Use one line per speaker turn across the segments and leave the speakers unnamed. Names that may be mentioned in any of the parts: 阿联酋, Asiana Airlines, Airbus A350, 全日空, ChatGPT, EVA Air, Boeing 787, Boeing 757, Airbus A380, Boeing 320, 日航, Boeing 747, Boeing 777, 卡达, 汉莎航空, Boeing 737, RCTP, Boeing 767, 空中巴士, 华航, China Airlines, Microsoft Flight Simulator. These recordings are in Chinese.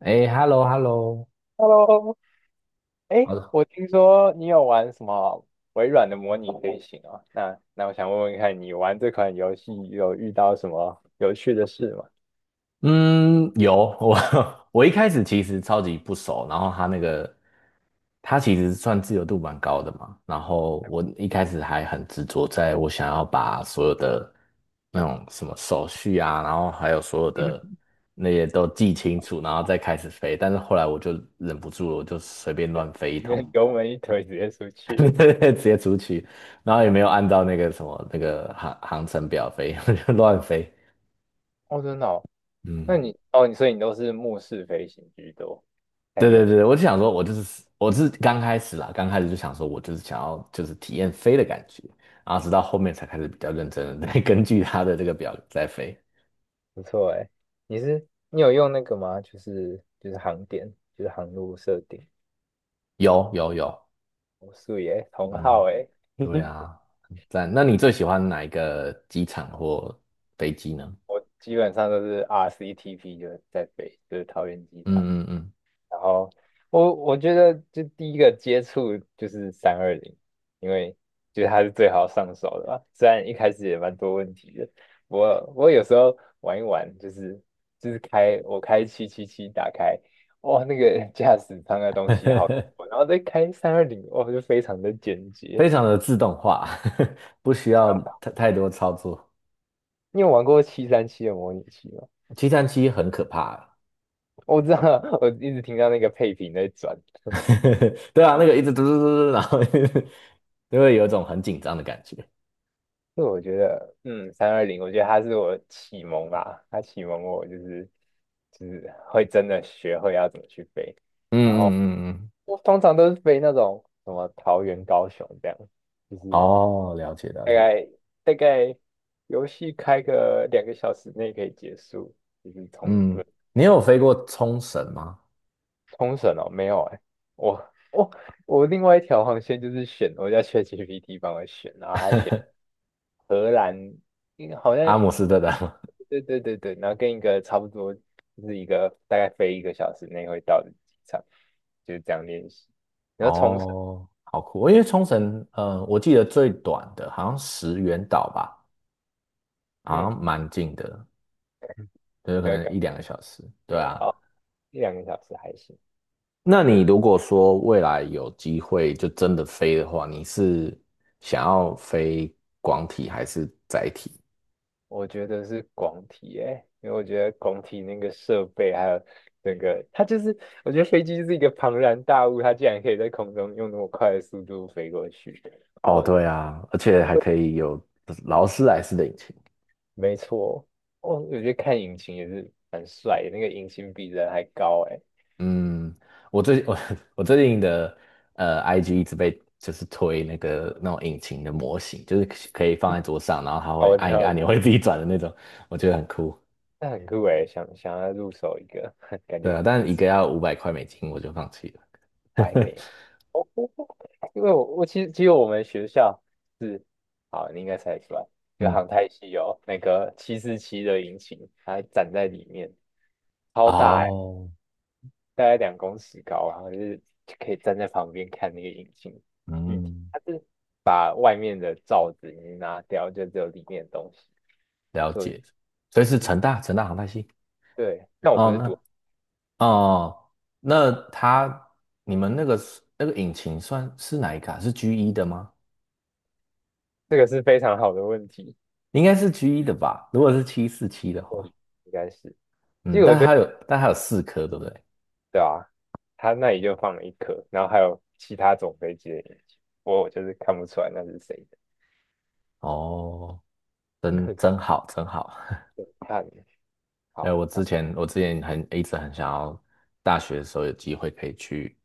哎，hello hello，
Hello。
好
哎，
的，
我听说你有玩什么微软的模拟飞行哦，那我想问问看你玩这款游戏有遇到什么有趣的事吗？
嗯，有。我 我一开始其实超级不熟，然后他那个他其实算自由度蛮高的嘛，然后我一开始还很执着，在我想要把所有的那种什么手续啊，然后还有所有的 那些都记清楚，然后再开始飞，但是后来我就忍不住了，我就随便
对，
乱飞一通，
油门一推直接出 去了。
直接出去，然后也没有按照那个什么那个航程表飞，我就乱飞，
哦，真的哦。那
嗯。
你哦，你所以你都是目视飞行居多，还
对对
有些
对，我就想说，我是刚开始啦，刚开始就想说我就是想要就是体验飞的感觉，然后直到后面才开始比较认真的 根据他的这个表在飞。
不错哎。你是你有用那个吗？就是航点，就是航路设定。
有有有，
我素颜同号
嗯，
哎，
对 啊，很赞。那你最喜欢哪一个机场或飞机呢？
我基本上都是 RCTP 就是在飞，就是桃园机场。
嗯嗯
然后我觉得就第一个接触就是三二零，因为觉得它是最好上手的吧，虽然一开始也蛮多问题的，我有时候玩一玩，就是就是开我开七七七打开，哇，那个 驾驶舱的东西好
嗯，
多，然后再开三二零，哇，就非常的简 洁。
非常的自动化，不需要太多操作。
你有玩过七三七的模拟器吗？
七三七很可怕啊，
我知道，我一直听到那个配屏在转。
对啊，那个一直嘟嘟嘟嘟，然后 就会有一种很紧张的感觉。
所以我觉得，嗯，三二零，我觉得它是我启蒙吧，它启蒙我就是就是会真的学会要怎么去飞，
嗯
然
嗯
后
嗯嗯，
我通常都是飞那种什么桃园、高雄这样，就是
哦，了解了
大
解。
概大概游戏开个两个小时内可以结束，就是冲
嗯嗯，
绳。
你有飞过冲绳吗？
冲绳哦，没有哎，我我另外一条航线就是选我叫 ChatGPT 帮我选，然后他选荷兰，因为好像。
阿姆斯特丹吗？
对对对对，然后跟一个差不多，就是一个大概飞一个小时内会到的机场，就是这样练习。然后冲绳，
哦，好酷哦！因为冲绳，我记得最短的好像石垣岛吧，好
嗯，
像蛮近的，就是可
那个
能
感
一两个小时。对
觉
啊，
哦，一两个小时还行。
那你
也
如果说未来有机会就真的飞的话，你是想要飞广体还是载体？
我觉得是广体诶，因为我觉得广体那个设备还有整个，它就是我觉得飞机就是一个庞然大物，它竟然可以在空中用那么快的速度飞过去。
哦，
我
对啊，而且还可以有劳斯莱斯的引擎。
没错，我觉得看引擎也是蛮帅的，那个引擎比人还高诶。
嗯，我最我 我最近的IG 一直被就是推那个那种引擎的模型，就是可以放在桌上，然后它
哦，
会
我知
按一个
道，
按钮 会自己转的那种，我觉得很酷。
那很酷诶，想要入手一个，感
对
觉
啊，但
不
一个
错，
要500块美金，我就放弃了。
我还没 有。哦，因为我其实只有我们学校是，好，你应该猜得出来，就
嗯，
航太系有那个七四七的引擎，它展在里面，超大诶，
哦，
大概两公尺高，然后就是就可以站在旁边看那个引擎，具体
嗯，
它是把外面的罩子已经拿掉，就只有里面的东西。
了
对，
解。所以
其
是
实
成大航太系。
对，但我不
哦，
是赌，
那哦，那它你们那个是那个引擎算是哪一卡？是 G 一的吗？
这个是非常好的问题。
应该是 G 一的吧？如果是七四七的话。
应该是
嗯，但它有四颗，对不对？
对啊，他那里就放了一颗，然后还有其他种飞机的眼睛，我就是看不出来那是谁的，
哦，真好，真好。
看
哎，
好，
我
那
之前我之前一直很想要，大学的时候有机会可以去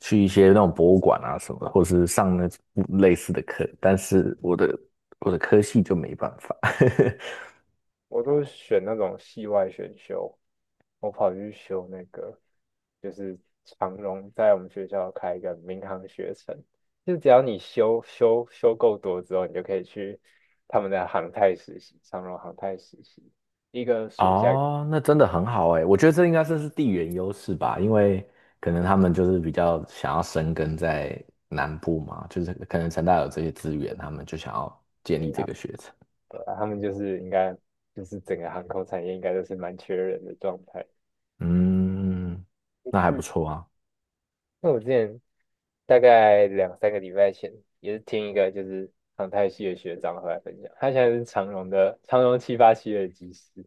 去一些那种博物馆啊什么的，或是上那类似的课，但是我的科系就没办法。
我都选那种系外选修，我跑去修那个就是长荣在我们学校开一个民航学程，就只要你修够多之后，你就可以去他们的航太实习，长荣航太实习，一个 暑假。
哦，那真的很好哎，我觉得这应该算是地缘优势吧，因为可能他们就是比较想要生根在南部嘛，就是可能成大有这些资源，他们就想要建立这个学程。
啊他们就是应该就是整个航空产业应该都是蛮缺人的状态。
嗯，
我
那还不
去，
错啊。
那我之前大概两三个礼拜前也是听一个就是航太系的学长回来分享，他现在是长荣的长荣七八七的机师。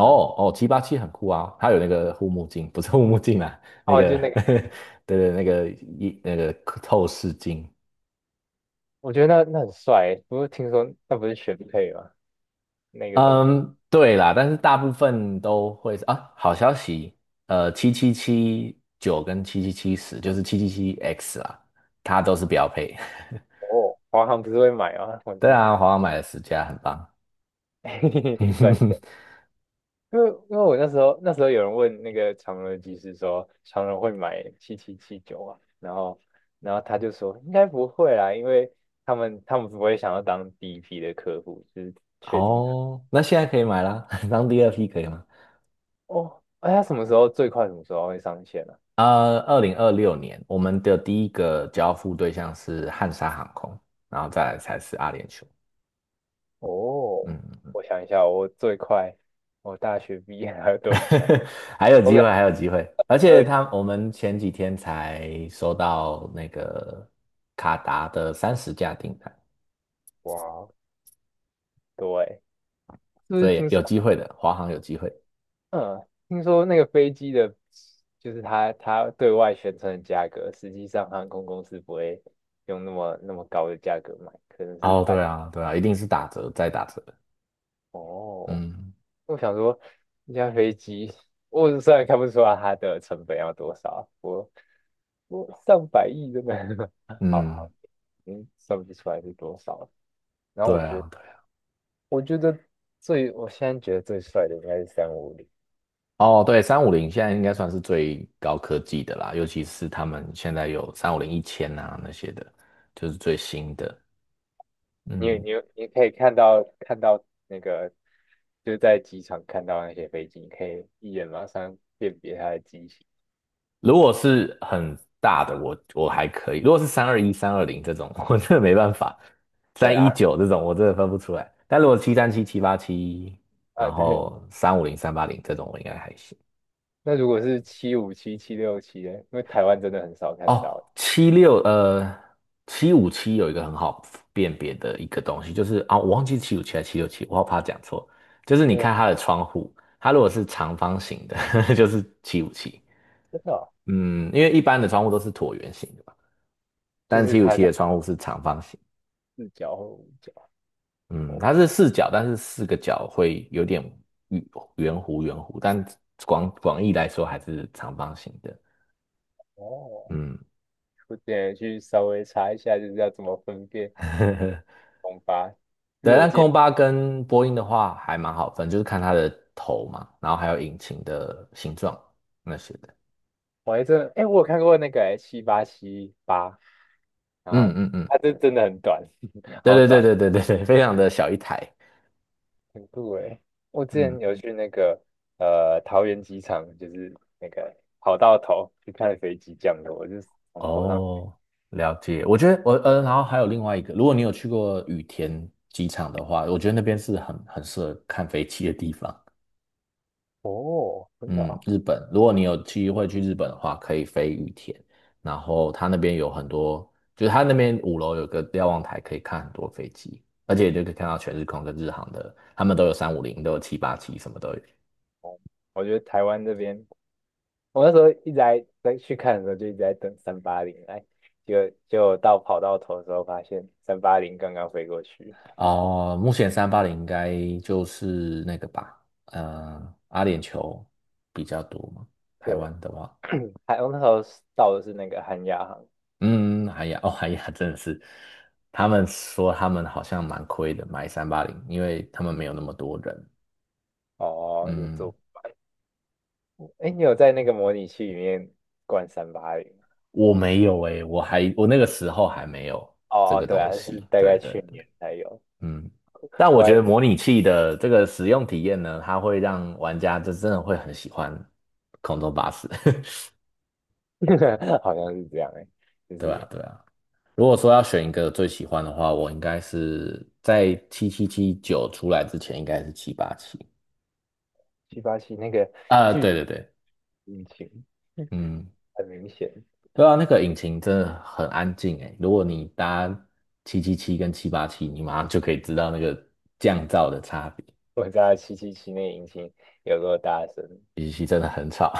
啊，
哦，七八七很酷啊，它有那个护目镜，不是护目镜啊，那
哦，
个
就那个
对对，那个一那个透视镜。
我觉得那那很帅欸，不过听说那不是选配吗？那个东西
嗯，对啦，但是大部分都会是啊。好消息，七七七九跟七七七十就是七七七 X 啦，它都是标配。
哦，华航不是会买吗？我
对
觉
啊，华为买了10家，很棒。
得 转， 因为我那时候有人问那个长荣的技师说，长荣会买七七七九啊，然后然后他就说应该不会啦，因为他们不会想要当第一批的客户，就是确定的。
哦，那现在可以买啦，当第二批可以吗？
哦，哎，他什么时候最快什么时候会上线呢？
2026年，我们的第一个交付对象是汉莎航空，然后再来才是阿联酋。
哦，
嗯，
我想一下，我最快我大学毕业还有多久？
还有
我
机
感
会，还有机会。而
觉
且
二，
他，我们前几天才收到那个卡达的30架订单，
哇，对，是不是
所以
听说？
有机会的，华航有机会。
嗯，听说那个飞机的，就是它它对外宣称的价格，实际上航空公司不会用那么高的价格买，可能是
哦，
半。
对啊，对啊，一定是打折再打折。
哦，
嗯
我想说，一架飞机，我虽然看不出来它的成本要多少，我我上百亿真的，好
嗯，
好，嗯，算不出来是多少。然后
对
我觉得，
啊。对。
我觉得最，我现在觉得最帅的应该是三五零。
哦，对，三五零现在应该算是最高科技的啦，尤其是他们现在有三五零一千啊那些的，就是最新的。
你
嗯，
你你可以看到那个就是在机场看到那些飞机，你可以一眼马上辨别它的机型。
如果是很大的，我还可以；如果是三二一、三二零这种，我真的没办法；
对
三一
啊，
九这种，我真的分不出来。但如果七三七、七八七，
啊
然
对，
后三五零、三八零这种，我应该还行。
那如果是七五七、七六七呢？因为台湾真的很少看
哦，
到，
七五七有一个很好辨别的一个东西，就是啊、我忘记七五七还是七六七，我好怕讲错。就是你
那个
看它的窗户，它如果是长方形的，就是七五七。
真的哦，
嗯，因为一般的窗户都是椭圆形的嘛，
就
但
是
七五
它
七
是
的窗户是长方形。
四角或五角。
嗯，
哦
它是四角，但是四个角会有点圆圆弧，但广义来说还是长方形的。
哦，
嗯，
我点去稍微查一下，就是要怎么分辨 红八。就是
对，
我
但
记得，
空巴跟波音的话还蛮好分，就是看它的头嘛，然后还有引擎的形状那些的。
我还真的，哎，我有看过那个哎七八七八，七八，然
嗯
后
嗯嗯，
它这真的很短，
对
好
对对
短。
对对对对，非常的小一台。
很酷诶，我之前
嗯，
有去那个呃桃园机场，就是那个跑道头去看飞机降落，我就是从头上。
哦，了解。我觉得，然后还有另外一个，如果你有去过羽田机场的话，我觉得那边是很适合看飞机的地方。
哦，真的
嗯，
啊，
日本，如果你有机会去日本的话，可以飞羽田，然后他那边有很多，就是他那边五楼有个瞭望台，可以看很多飞机，而且就可以看到全日空跟日航的，他们都有三五零，都有七八七，什么都有。
哦，我觉得台湾这边，我那时候一直在去看的时候就一直在等三八零来，结果到跑道头的时候发现三八零刚刚飞过去，
哦、目前三八零应该就是那个吧，阿联酋比较多嘛，台
对，
湾的话，
还我那时候到的是那个韩亚航。
嗯，哎呀，哦，哎呀，真的是，他们说他们好像蛮亏的，买三八零，因为他们没有那么多人，
哦，就
嗯。
坐，哎，你有在那个模拟器里面灌三八零？
我没有诶、我那个时候还没有这
哦哦，
个
对
东
啊，是
西。
大
对
概
对
去
对，
年才有。
嗯。但我
我
觉
还
得模拟器的这个使用体验呢，它会让玩家就真的会很喜欢空中巴士。
好像是这样哎，就
对啊，
是
对啊。如果说要选一个最喜欢的话，我应该是在七七七九出来之前，应该是七八七。
七八七那个
啊，
巨
对对对，
引擎
嗯，
很明显，
对啊，那个引擎真的很安静诶。如果你搭七七七跟七八七，你马上就可以知道那个降噪的差别。
我知道七七七那个引擎有多大声。
语气真的很吵，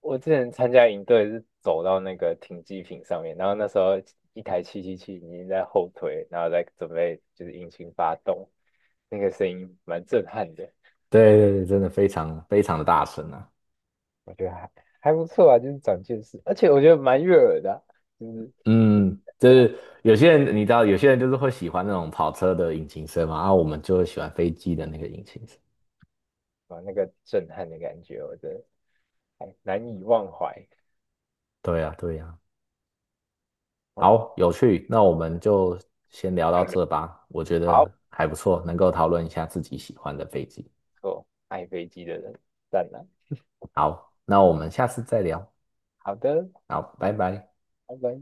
我之前参加营队是走到那个停机坪上面，然后那时候一台七七七已经在后推，然后在准备就是引擎发动，那个声音蛮震撼的，
对对对，真的非常非常的大声啊。
我觉得还还不错啊，就是长见识，而且我觉得蛮悦耳的啊，就是听
嗯，
起
就
来
是有些人你知道，有些人就是会喜欢那种跑车的引擎声嘛，啊，我们就会喜欢飞机的那个引擎声。
哇那个震撼的感觉，我觉得还难以忘怀。
对呀，对呀。
哦
好，有趣，那我们就先聊到这吧，我觉得
好，
还不错，能够讨论一下自己喜欢的飞机。
做爱飞机的人，赞了。
好，那我们下次再聊。
好的，
好，拜拜。
拜拜。